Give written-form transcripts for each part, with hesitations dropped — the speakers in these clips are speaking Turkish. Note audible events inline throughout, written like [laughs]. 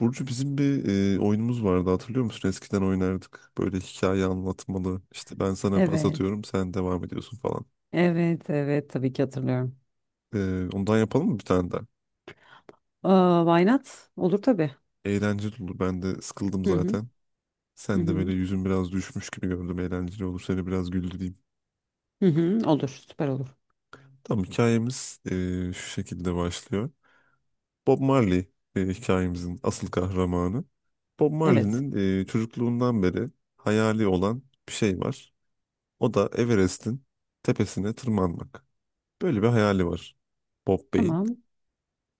Burcu bizim bir oyunumuz vardı, hatırlıyor musun? Eskiden oynardık. Böyle hikaye anlatmalı. İşte ben sana pas Evet, atıyorum, sen devam ediyorsun falan. evet, evet tabii ki hatırlıyorum. Ondan yapalım mı bir tane daha? Aa, why not? Olur tabii. Eğlenceli olur. Ben de sıkıldım Hı hı, zaten. hı Sen de böyle hı, yüzün biraz düşmüş gibi gördüm. Eğlenceli olur. Seni biraz güldüreyim. hı hı, olur, süper olur. Tamam, hikayemiz şu şekilde başlıyor. Bob Marley hikayemizin asıl kahramanı. Bob Evet, Marley'nin çocukluğundan beri hayali olan bir şey var. O da Everest'in tepesine tırmanmak. Böyle bir hayali var Bob Bey'in. tamam.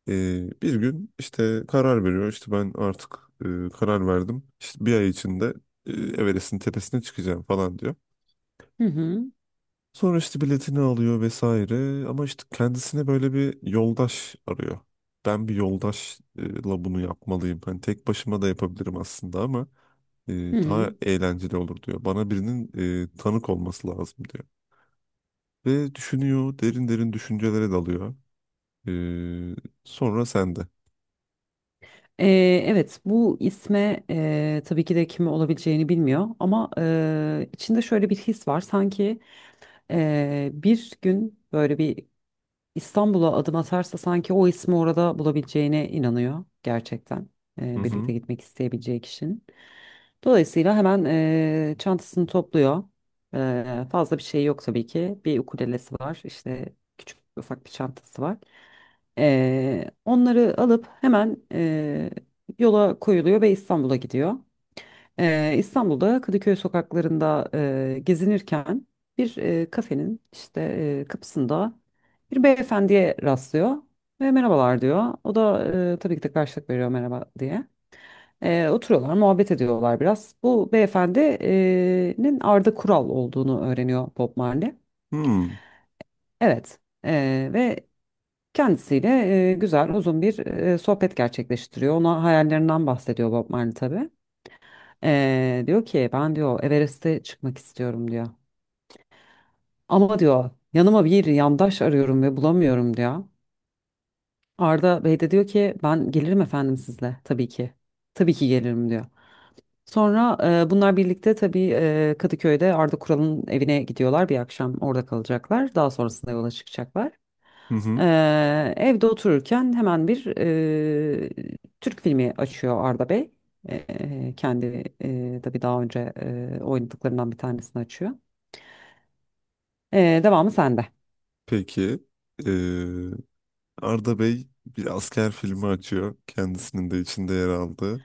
Bir gün işte karar veriyor. İşte ben artık karar verdim. İşte 1 ay içinde Everest'in tepesine çıkacağım falan diyor. Hı hı, Sonra işte biletini alıyor vesaire. Ama işte kendisine böyle bir yoldaş arıyor. Ben bir yoldaşla bunu yapmalıyım. Hani tek başıma da yapabilirim aslında ama e, hı daha hı. eğlenceli olur diyor. Bana birinin tanık olması lazım diyor. Ve düşünüyor, derin derin düşüncelere dalıyor. Ee, sonra sende. Evet, bu isme tabii ki de kimi olabileceğini bilmiyor ama içinde şöyle bir his var. Sanki bir gün böyle bir İstanbul'a adım atarsa sanki o ismi orada bulabileceğine inanıyor gerçekten. Hı hı. Birlikte gitmek isteyebileceği kişinin. Dolayısıyla hemen çantasını topluyor. Fazla bir şey yok tabii ki. Bir ukulelesi var, işte küçük ufak bir çantası var. Onları alıp hemen yola koyuluyor ve İstanbul'a gidiyor. İstanbul'da Kadıköy sokaklarında gezinirken bir kafenin işte kapısında bir beyefendiye rastlıyor ve merhabalar diyor. O da tabii ki de karşılık veriyor merhaba diye. Oturuyorlar, muhabbet ediyorlar biraz. Bu beyefendinin Arda Kural olduğunu öğreniyor Bob Marley. Hmm. Evet. Ve kendisiyle güzel, uzun bir sohbet gerçekleştiriyor. Ona hayallerinden bahsediyor Bob Marley tabii. Diyor ki ben diyor Everest'e çıkmak istiyorum diyor. Ama diyor yanıma bir yandaş arıyorum ve bulamıyorum diyor. Arda Bey de diyor ki ben gelirim efendim sizle tabii ki. Tabii ki gelirim diyor. Sonra bunlar birlikte tabii Kadıköy'de Arda Kural'ın evine gidiyorlar bir akşam orada kalacaklar. Daha sonrasında yola çıkacaklar. Hı hı. Evde otururken hemen bir Türk filmi açıyor Arda Bey. Kendi tabii daha önce oynadıklarından bir tanesini açıyor. Devamı sende. Peki. Ee, Arda Bey bir asker filmi açıyor. Kendisinin de içinde yer aldığı.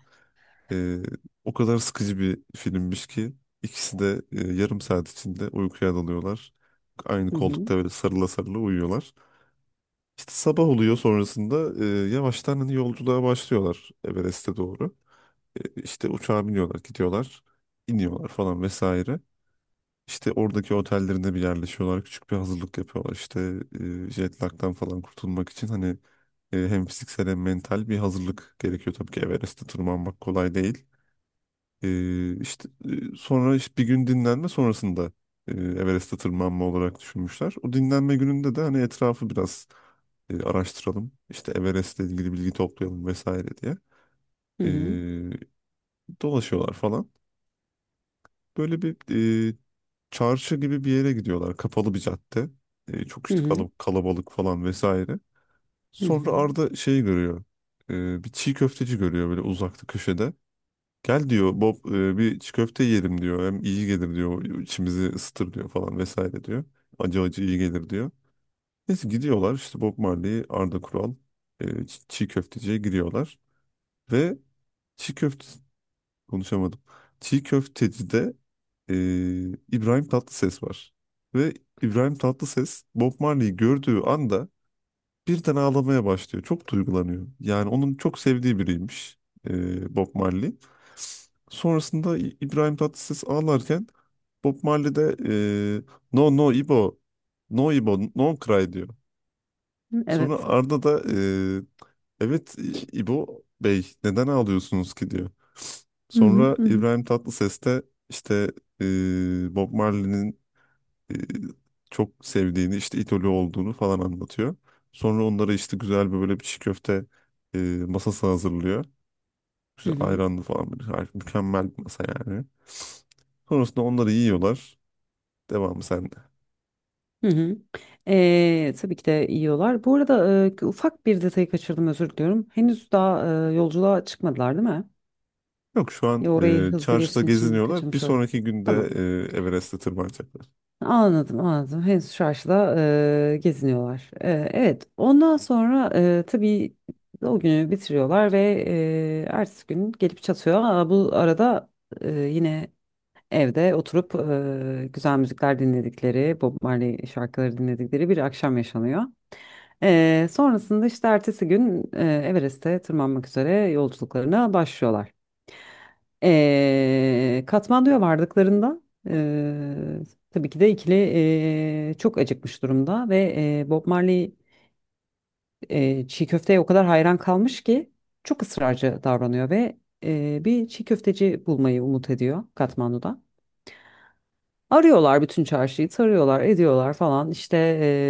Ee, O kadar sıkıcı bir filmmiş ki ikisi de 30 dakika içinde uykuya dalıyorlar. Aynı Hı hı. koltukta böyle sarıla sarıla uyuyorlar. İşte sabah oluyor, sonrasında yavaştan hani yolculuğa başlıyorlar Everest'e doğru. İşte uçağa biniyorlar, gidiyorlar, iniyorlar falan vesaire. İşte oradaki otellerinde bir yerleşiyorlar. Küçük bir hazırlık yapıyorlar. İşte jet lag'dan falan kurtulmak için hani hem fiziksel hem mental bir hazırlık gerekiyor. Tabii ki Everest'te tırmanmak kolay değil. E, sonra işte bir gün dinlenme sonrasında Everest'te tırmanma olarak düşünmüşler. O dinlenme gününde de hani etrafı biraz araştıralım. İşte Everest'le ilgili bilgi toplayalım vesaire diye. Hı E, hı. dolaşıyorlar falan. Böyle bir çarşı gibi bir yere gidiyorlar. Kapalı bir cadde. Çok Hı işte hı. Kalabalık falan vesaire. Hı Sonra hı. Arda şeyi görüyor. Bir çiğ köfteci görüyor böyle uzakta köşede. Gel diyor Bob, bir çiğ köfte yiyelim diyor. Hem iyi gelir diyor. İçimizi ısıtır diyor falan vesaire diyor. Acı acı iyi gelir diyor. Neyse gidiyorlar işte Bob Marley, Arda Kural çiğ köfteciye giriyorlar. Ve çiğ köfte konuşamadım. Çiğ köfteci e, İbrahim Tatlıses var. Ve İbrahim Tatlıses Bob Marley'i gördüğü anda birden ağlamaya başlıyor. Çok duygulanıyor. Yani onun çok sevdiği biriymiş Bob Marley. Sonrasında İbrahim Tatlıses ağlarken Bob Marley de e, no no İbo, no İbo, no cry diyor. Sonra Evet. Arda da evet İbo Bey neden ağlıyorsunuz ki diyor. Hı hı. Sonra Hı hı. İbrahim Tatlıses de işte Bob Marley'nin e, çok sevdiğini, işte idolü olduğunu falan anlatıyor. Sonra onlara işte güzel bir böyle bir çiğ köfte e, masası hazırlıyor. Hı Güzel hı. ayranlı falan bir harika, mükemmel bir masa yani. Sonrasında onları yiyorlar. Devamı sende. Hı hı. Tabii ki de yiyorlar. Bu arada ufak bir detayı kaçırdım özür diliyorum. Henüz daha yolculuğa çıkmadılar değil mi? Yok şu Ya an orayı hızlı çarşıda geçtiğin için geziniyorlar. Bir kaçırmış oldum. sonraki günde Tamam. Everest'e tırmanacaklar. Anladım, anladım. Henüz çarşıda geziniyorlar. Evet. Ondan sonra tabii o günü bitiriyorlar ve ertesi gün gelip çatıyor. Aa, bu arada yine evde oturup güzel müzikler dinledikleri, Bob Marley şarkıları dinledikleri bir akşam yaşanıyor. Sonrasında işte ertesi gün Everest'e tırmanmak üzere yolculuklarına başlıyorlar. Katmandu'ya vardıklarında e, tabii ki de ikili çok acıkmış durumda ve Bob Marley çiğ köfteye o kadar hayran kalmış ki çok ısrarcı davranıyor ve bir çiğ köfteci bulmayı umut ediyor Katmandu'da. Arıyorlar bütün çarşıyı, tarıyorlar, ediyorlar falan işte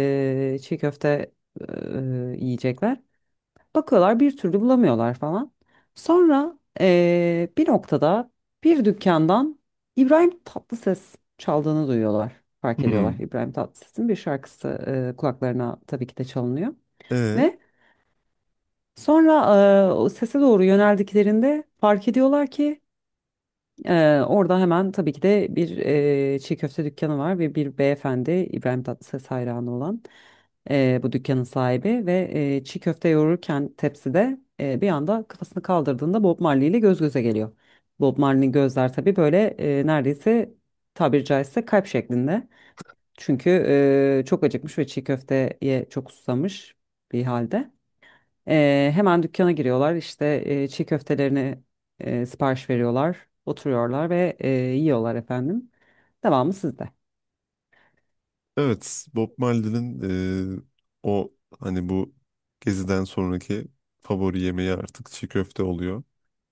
çiğ köfte yiyecekler. Bakıyorlar bir türlü bulamıyorlar falan. Sonra bir noktada bir dükkandan İbrahim Tatlıses çaldığını duyuyorlar. Fark ediyorlar Hmm. İbrahim Tatlıses'in bir şarkısı kulaklarına tabii ki de çalınıyor. E, Ve sonra o sese doğru yöneldiklerinde fark ediyorlar ki orada hemen tabii ki de bir çiğ köfte dükkanı var ve bir beyefendi İbrahim Tatlıses hayranı olan bu dükkanın sahibi ve çiğ köfte yoğururken tepside bir anda kafasını kaldırdığında Bob Marley ile göz göze geliyor. Bob Marley'nin gözler tabii böyle neredeyse tabiri caizse kalp şeklinde. Çünkü çok acıkmış ve çiğ köfteye çok susamış bir halde. Hemen dükkana giriyorlar işte çiğ köftelerini sipariş veriyorlar. Oturuyorlar ve yiyorlar efendim. Devamı sizde. evet, Bob Marley'nin e, o hani bu geziden sonraki favori yemeği artık çiğ köfte oluyor.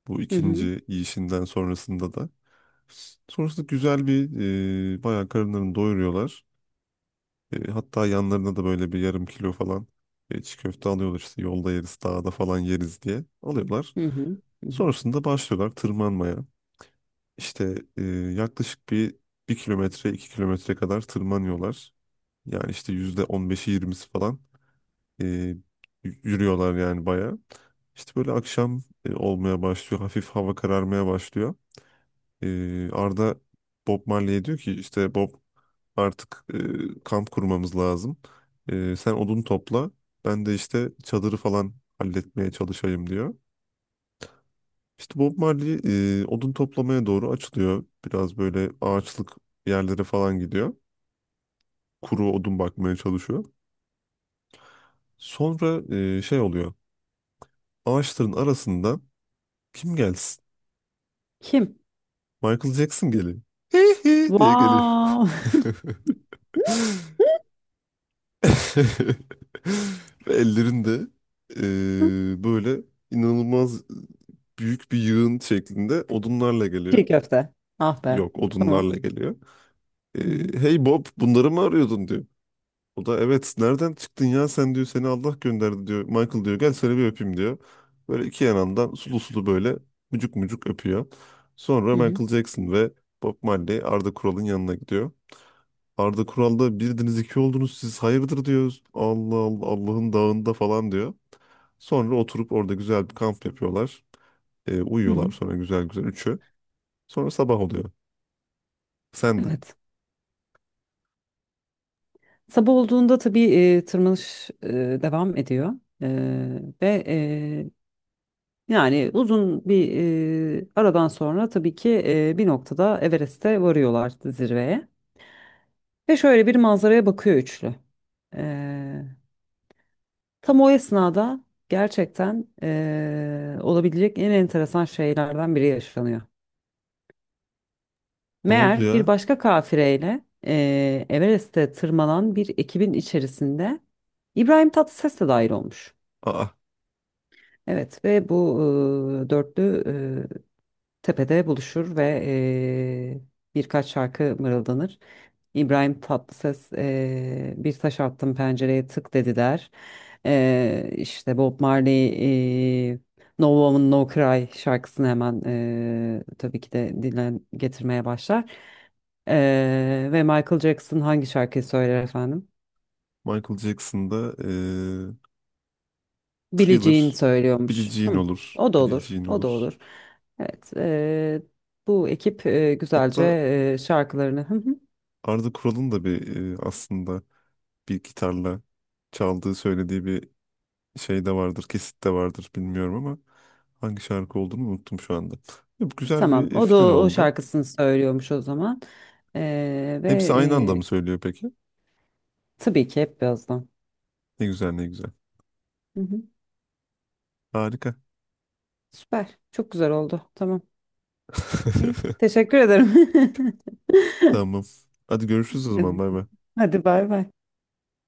Bu Hı hı, ikinci yiyişinden sonrasında da. Sonrasında güzel bir bayağı karınlarını doyuruyorlar. Hatta yanlarına da böyle bir 0,5 kilo falan çiğ köfte alıyorlar, işte yolda yeriz, dağda falan yeriz diye alıyorlar. hı hı, hı hı. Sonrasında başlıyorlar tırmanmaya. İşte yaklaşık bir kilometre 2 kilometre kadar tırmanıyorlar. Yani işte %15'i yirmisi falan e, y- yürüyorlar yani bayağı. İşte böyle akşam olmaya başlıyor. Hafif hava kararmaya başlıyor. Arda Bob Marley'e diyor ki işte Bob artık kamp kurmamız lazım. Sen odun topla. Ben de işte çadırı falan halletmeye çalışayım diyor. İşte Bob Marley odun toplamaya doğru açılıyor. Biraz böyle ağaçlık yerlere falan gidiyor. Kuru odun bakmaya çalışıyor. Sonra şey oluyor. Ağaçların arasından kim gelsin? Kim? Michael Jackson geliyor. [laughs] Hey hey diye geliyor. Wow. [laughs] [laughs] Ve ellerinde böyle inanılmaz büyük bir yığın şeklinde odunlarla [laughs] Çiğ geliyor. köfte. Ah be. Yok Tamam. odunlarla geliyor. Hı hı, Hey Bob bunları mı arıyordun diyor. O da evet nereden çıktın ya sen diyor, seni Allah gönderdi diyor. Michael diyor gel seni bir öpeyim diyor. Böyle iki yanından sulu sulu böyle mucuk mucuk öpüyor. hı Sonra hı, Michael Jackson ve Bob Marley Arda Kural'ın yanına gidiyor. Arda Kural'da birdiniz iki oldunuz siz, hayırdır diyor. Allah Allah, Allah'ın dağında falan diyor. Sonra oturup orada güzel bir kamp yapıyorlar. Hı Uyuyorlar hı. sonra güzel güzel üçü. Sonra sabah oluyor. Sen de. Evet. Sabah olduğunda tabii tırmanış devam ediyor E, ve yani uzun bir aradan sonra tabii ki bir noktada Everest'e varıyorlar zirveye ve şöyle bir manzaraya bakıyor üçlü. E, Tam o esnada gerçekten olabilecek en enteresan şeylerden biri yaşanıyor. Ne oldu Meğer bir ya? başka kafireyle Everest'e tırmanan bir ekibin içerisinde İbrahim Tatlıses de dahil olmuş. Aa, Evet ve bu dörtlü e, tepede buluşur ve birkaç şarkı mırıldanır. İbrahim Tatlıses bir taş attım pencereye tık dedi der. İşte Bob Marley No Woman No Cry şarkısını hemen tabii ki de dilen getirmeye başlar. Ve Michael Jackson hangi şarkıyı söyler efendim? Michael Jackson'da Thriller, Bileceğini Billie söylüyormuş. Jean Hı, olur. o da Billie olur, Jean o da olur. olur. Evet, bu ekip güzelce Hatta şarkılarını. Hı hı. Arda Kural'ın da bir aslında bir gitarla çaldığı söylediği bir şey de vardır, kesit de vardır bilmiyorum ama hangi şarkı olduğunu unuttum şu anda. Ya, bu güzel Tamam, bir o da final o oldu. şarkısını söylüyormuş o zaman. Ve Hepsi aynı anda mı e, söylüyor peki? tabii ki hep birazdan. Ne güzel ne güzel. Hı hı. Harika. Süper, çok güzel oldu. Tamam. İyi, [laughs] teşekkür ederim. Tamam. [laughs] Hadi görüşürüz o zaman. Hadi, Bay bay. hadi bay bay.